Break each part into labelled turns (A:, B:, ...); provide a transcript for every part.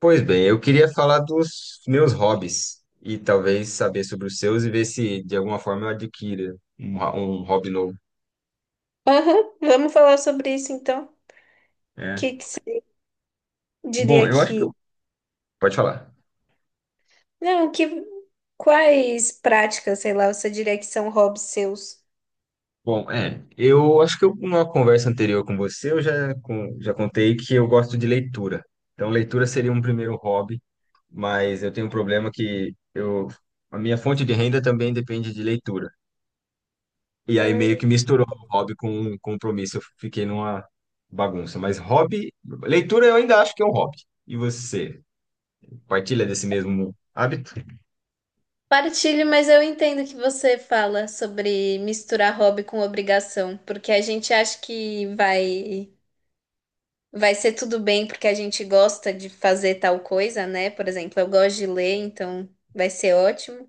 A: Pois bem, eu queria falar dos meus hobbies e talvez saber sobre os seus e ver se de alguma forma eu adquira um, um hobby novo.
B: Aham, vamos falar sobre isso então. O
A: É.
B: que que você
A: Bom,
B: diria
A: eu acho que
B: que.
A: eu. Pode falar.
B: Não, que. Quais práticas, sei lá, você diria que são hobbies seus?
A: Bom, eu acho que eu, numa conversa anterior com você, já contei que eu gosto de leitura. Então, leitura seria um primeiro hobby, mas eu tenho um problema que eu, a minha fonte de renda também depende de leitura. E aí meio
B: Hum.
A: que misturou o hobby com um compromisso. Eu fiquei numa bagunça. Mas hobby, leitura eu ainda acho que é um hobby. E você, partilha desse mesmo hábito?
B: Partilho, mas eu entendo que você fala sobre misturar hobby com obrigação, porque a gente acha que vai vai ser tudo bem porque a gente gosta de fazer tal coisa, né? Por exemplo, eu gosto de ler, então vai ser ótimo.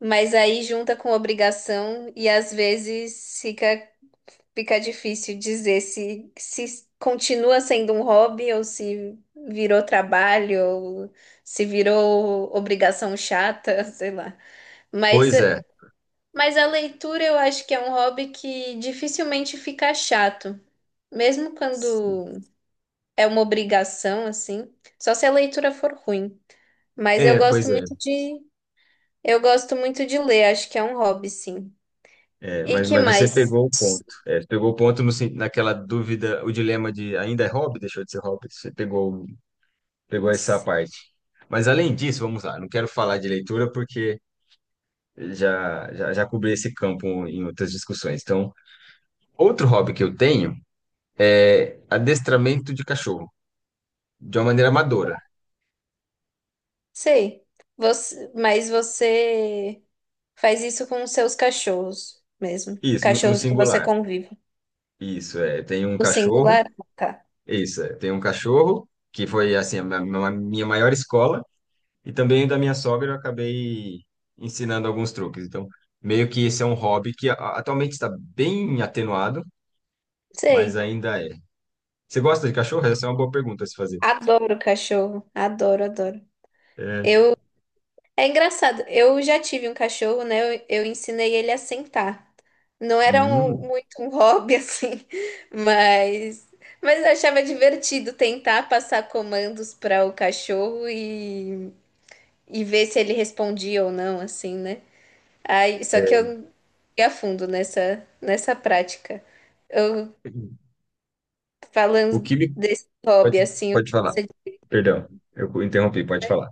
B: Mas aí junta com obrigação e às vezes fica difícil dizer se continua sendo um hobby ou se virou trabalho ou se virou obrigação chata, sei lá. Mas,
A: Pois é.
B: mas a leitura eu acho que é um hobby que dificilmente fica chato, mesmo quando é uma obrigação, assim, só se a leitura for ruim. Mas eu
A: É, pois
B: gosto
A: é.
B: muito de, eu gosto muito de ler, acho que é um hobby, sim.
A: É,
B: E
A: mas,
B: que
A: mas você
B: mais?
A: pegou o ponto. É, você pegou o ponto no, sen- naquela dúvida, o dilema de ainda é hobby, deixou de ser hobby. Pegou essa parte. Mas além disso, vamos lá, não quero falar de leitura porque já cobri esse campo em outras discussões. Então, outro hobby que eu tenho. É adestramento de cachorro, de uma maneira amadora.
B: Sei. Mas você faz isso com os seus cachorros mesmo.
A: Isso, no
B: Cachorros que você
A: singular.
B: convive.
A: Isso, é.
B: No singular, tá.
A: Isso, é. Tem um cachorro que foi, assim, a minha maior escola, e também da minha sogra eu acabei ensinando alguns truques. Então, meio que esse é um hobby que atualmente está bem atenuado, mas
B: Sei.
A: ainda é. Você gosta de cachorro? Essa é uma boa pergunta a se fazer.
B: Adoro cachorro. Adoro, adoro.
A: É.
B: É engraçado. Eu já tive um cachorro, né? Eu ensinei ele a sentar. Não era um-
A: Hum,
B: muito um hobby, assim, mas, mas eu achava divertido tentar passar comandos para o cachorro e ver se ele respondia ou não, assim, né? Aí, só que eu
A: é.
B: fui a fundo nessa prática. Eu
A: O
B: falando
A: que me...
B: desse hobby,
A: Pode,
B: assim, o que
A: pode falar.
B: você-
A: Perdão, eu interrompi, pode falar.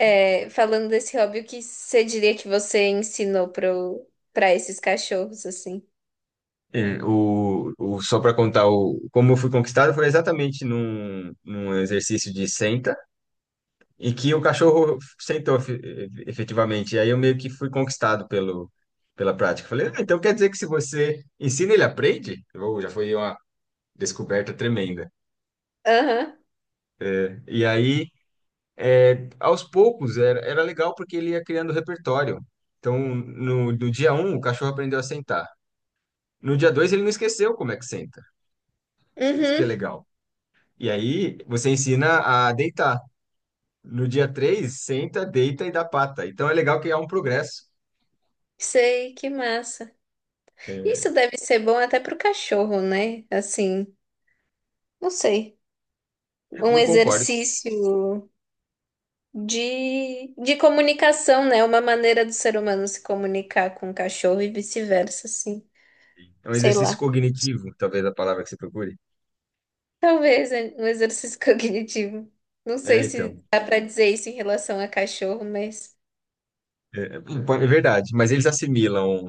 B: É, falando desse hobby, o que você diria que você ensinou para esses cachorros, assim?
A: Só para contar como eu fui conquistado, foi exatamente num exercício de senta, em que o cachorro efetivamente. E aí eu meio que fui conquistado pela prática. Falei, ah, então quer dizer que se você ensina, ele aprende? Ou já foi uma descoberta tremenda.
B: Aham.
A: E aí, aos poucos, era legal porque ele ia criando repertório. Então, no dia um, o cachorro aprendeu a sentar. No dia dois, ele não esqueceu como é que senta. Isso que
B: Uhum.
A: é legal. E aí você ensina a deitar. No dia 3, senta, deita e dá pata. Então é legal que há um progresso.
B: Sei, que massa.
A: É,
B: Isso deve ser bom até pro cachorro, né? Assim, não sei. Um
A: eu concordo que
B: exercício de comunicação, né? Uma maneira do ser humano se comunicar com o cachorro e vice-versa, assim.
A: é um
B: Sei
A: exercício
B: lá.
A: cognitivo, talvez a palavra que você procure.
B: Talvez é um exercício cognitivo. Não sei
A: É,
B: se
A: então.
B: dá pra dizer isso em relação a cachorro, mas
A: É verdade. Mas eles assimilam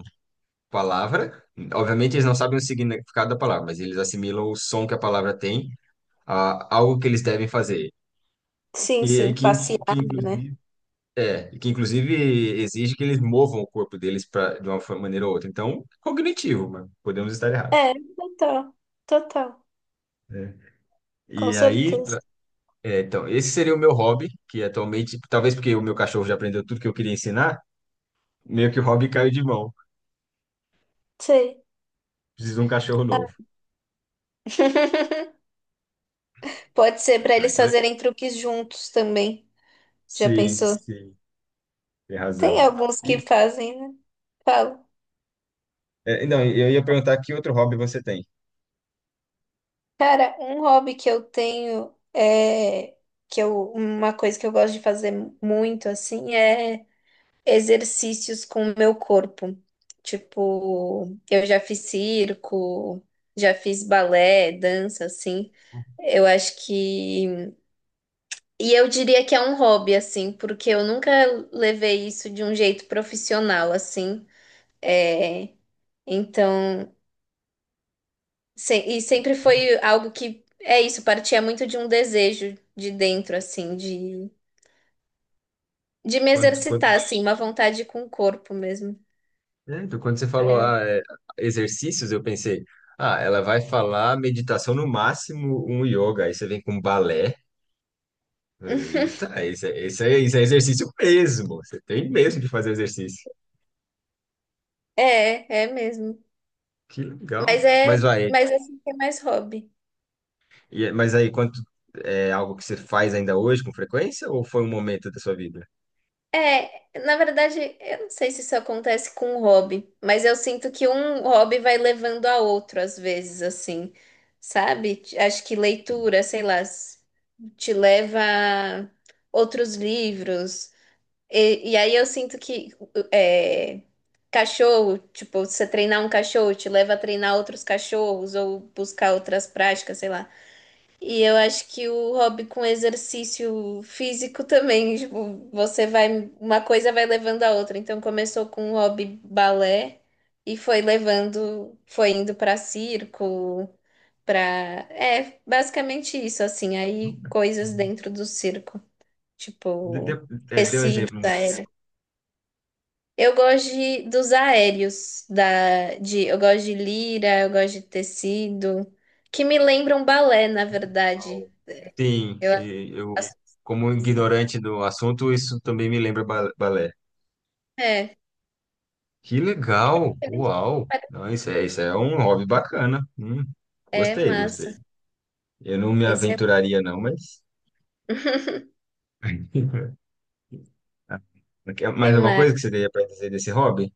A: palavra. Obviamente, eles não sabem o significado da palavra, mas eles assimilam o som que a palavra tem a algo que eles devem fazer.
B: sim,
A: E
B: sim,
A: que,
B: passear,
A: in- que
B: né?
A: inclusive. É, e que inclusive exige que eles movam o corpo deles pra, de uma maneira ou outra. Então, cognitivo, mas podemos estar errados.
B: É, total, total,
A: É.
B: com
A: E aí,
B: certeza.
A: pra- é, então, esse seria o meu hobby, que atualmente, talvez porque o meu cachorro já aprendeu tudo que eu queria ensinar, meio que o hobby caiu de mão.
B: Sei.
A: Preciso de um cachorro
B: Ah,
A: novo.
B: pode ser pra
A: Tá,
B: eles
A: então,
B: fazerem truques juntos também. Já
A: sim,
B: pensou?
A: sim, tem
B: Tem
A: razão.
B: alguns que
A: E,
B: fazem, né? Falo.
A: é, não, eu ia perguntar que outro hobby você tem?
B: Cara, um hobby que eu tenho é que eu uma coisa que eu gosto de fazer muito assim é exercícios com o meu corpo. Tipo, eu já fiz circo, já fiz balé, dança, assim. Eu acho que. E eu diria que é um hobby, assim, porque eu nunca levei isso de um jeito profissional, assim. É... Então. E sempre foi algo que. É isso, partia muito de um desejo de dentro, assim, de. De me
A: Quando, quando,
B: exercitar, assim, uma vontade com o corpo mesmo.
A: quando você falou
B: É,
A: ah, é, exercícios, eu pensei, ah, ela vai falar meditação, no máximo um yoga, aí você vem com balé. Eita, esse é exercício mesmo. Você tem mesmo de fazer exercício.
B: é, é mesmo.
A: Que legal.
B: Mas é,
A: Mas vai,
B: mas assim que é mais hobby.
A: mas aí quanto é algo que você faz ainda hoje com frequência ou foi um momento da sua vida?
B: É, na verdade, eu não sei se isso acontece com um hobby, mas eu sinto que um hobby vai levando a outro às vezes, assim, sabe? Acho que leitura, sei lá, te leva a outros livros. E aí eu sinto que é, cachorro, tipo, você treinar um cachorro te leva a treinar outros cachorros ou buscar outras práticas, sei lá. E eu acho que o hobby com exercício físico também, tipo, você vai, uma coisa vai levando a outra. Então começou com o hobby balé e foi levando, foi indo pra circo, pra é, basicamente isso assim, aí
A: Nunca.
B: coisas dentro do circo,
A: De- de-
B: tipo
A: é, dê um
B: tecidos
A: exemplo no
B: aéreos. Eu gosto de lira, eu gosto de tecido, que me lembram balé, na verdade.
A: qual- sim, e eu
B: As-
A: como
B: Assim.
A: ignorante do assunto, isso também me lembra balé.
B: É.
A: Que legal! Uau! Não, isso é um hobby bacana.
B: É
A: Gostei, gostei.
B: massa.
A: Eu não me
B: Esse é.
A: aventuraria não, mas
B: Que
A: mais alguma
B: mais?
A: coisa que você teria para dizer desse hobby?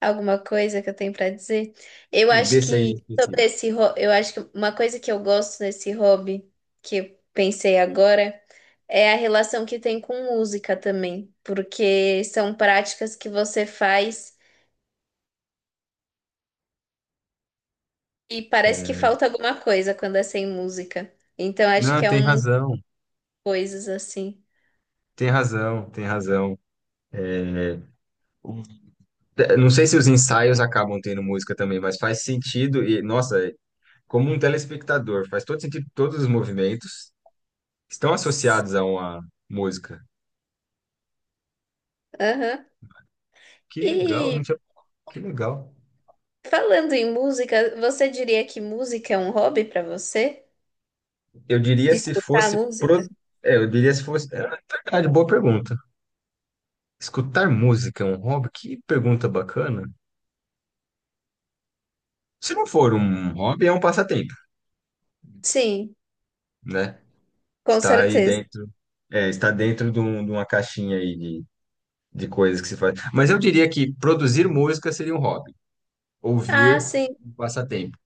B: Alguma coisa que eu tenho pra dizer? Eu
A: É,
B: acho
A: desse aí em
B: que sobre
A: específico.
B: eu acho que uma coisa que eu gosto nesse hobby que eu pensei agora é a relação que tem com música também, porque são práticas que você faz e parece que
A: É,
B: falta alguma coisa quando é sem música. Então acho que
A: não,
B: é um coisas assim.
A: tem razão. É, o- não sei se os ensaios acabam tendo música também, mas faz sentido e, nossa, é como um telespectador, faz todo sentido, todos os movimentos estão associados a uma música.
B: Aham.
A: Que legal, não
B: E
A: tinha, que legal.
B: falando em música, você diria que música é um hobby pra você?
A: Eu diria
B: De
A: se
B: escutar
A: fosse
B: música?
A: pro, é, eu diria se fosse, é verdade, boa pergunta. Escutar música é um hobby? Que pergunta bacana. Se não for um hobby, é um passatempo,
B: Sim,
A: né?
B: com
A: Está aí
B: certeza.
A: dentro, é, está dentro de, de uma caixinha aí de coisas que se faz. Mas eu diria que produzir música seria um hobby,
B: Ah,
A: ouvir
B: sim.
A: um passatempo.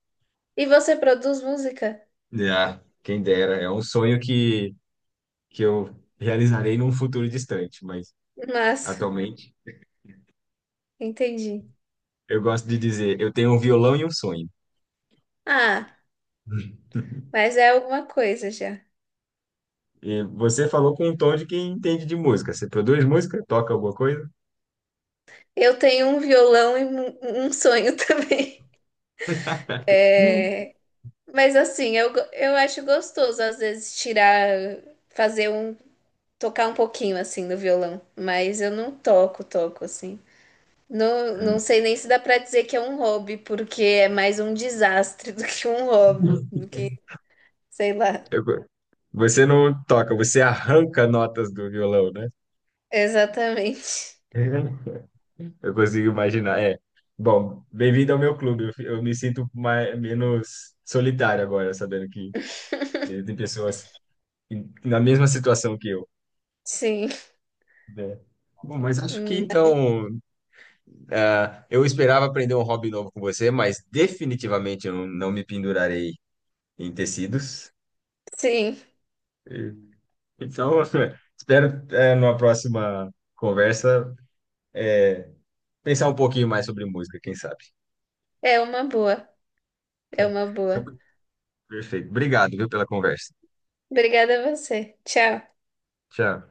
B: E você produz música?
A: Ah, quem dera, é um sonho que eu realizarei num futuro distante, mas
B: Massa,
A: atualmente
B: entendi.
A: eu gosto de dizer, eu tenho um violão e um sonho.
B: Ah, mas é alguma coisa já.
A: E você falou com um tom de quem entende de música. Você produz música? Toca alguma coisa?
B: Eu tenho um violão e um sonho também. É, mas assim, eu acho gostoso às vezes tirar, fazer um, tocar um pouquinho assim no violão, mas eu não toco, toco assim. Não, não sei nem se dá pra dizer que é um hobby, porque é mais um desastre do que um hobby, do que, sei lá.
A: Eu- você não toca, você arranca notas do violão, né?
B: Exatamente.
A: Eu consigo imaginar. É. Bom, bem-vindo ao meu clube. Eu me sinto mais, menos solitário agora, sabendo que tem pessoas na mesma situação que eu,
B: Sim.
A: né? Bom, mas acho que
B: Hum,
A: então, ah, eu esperava aprender um hobby novo com você, mas definitivamente eu não, não me pendurarei em tecidos.
B: sim,
A: E- Então, espero, numa próxima conversa, eh, pensar um pouquinho mais sobre música, quem sabe.
B: é uma boa, é
A: Tá.
B: uma
A: Então,
B: boa.
A: perfeito. Obrigado, viu, pela conversa.
B: Obrigada a você. Tchau.
A: Tchau.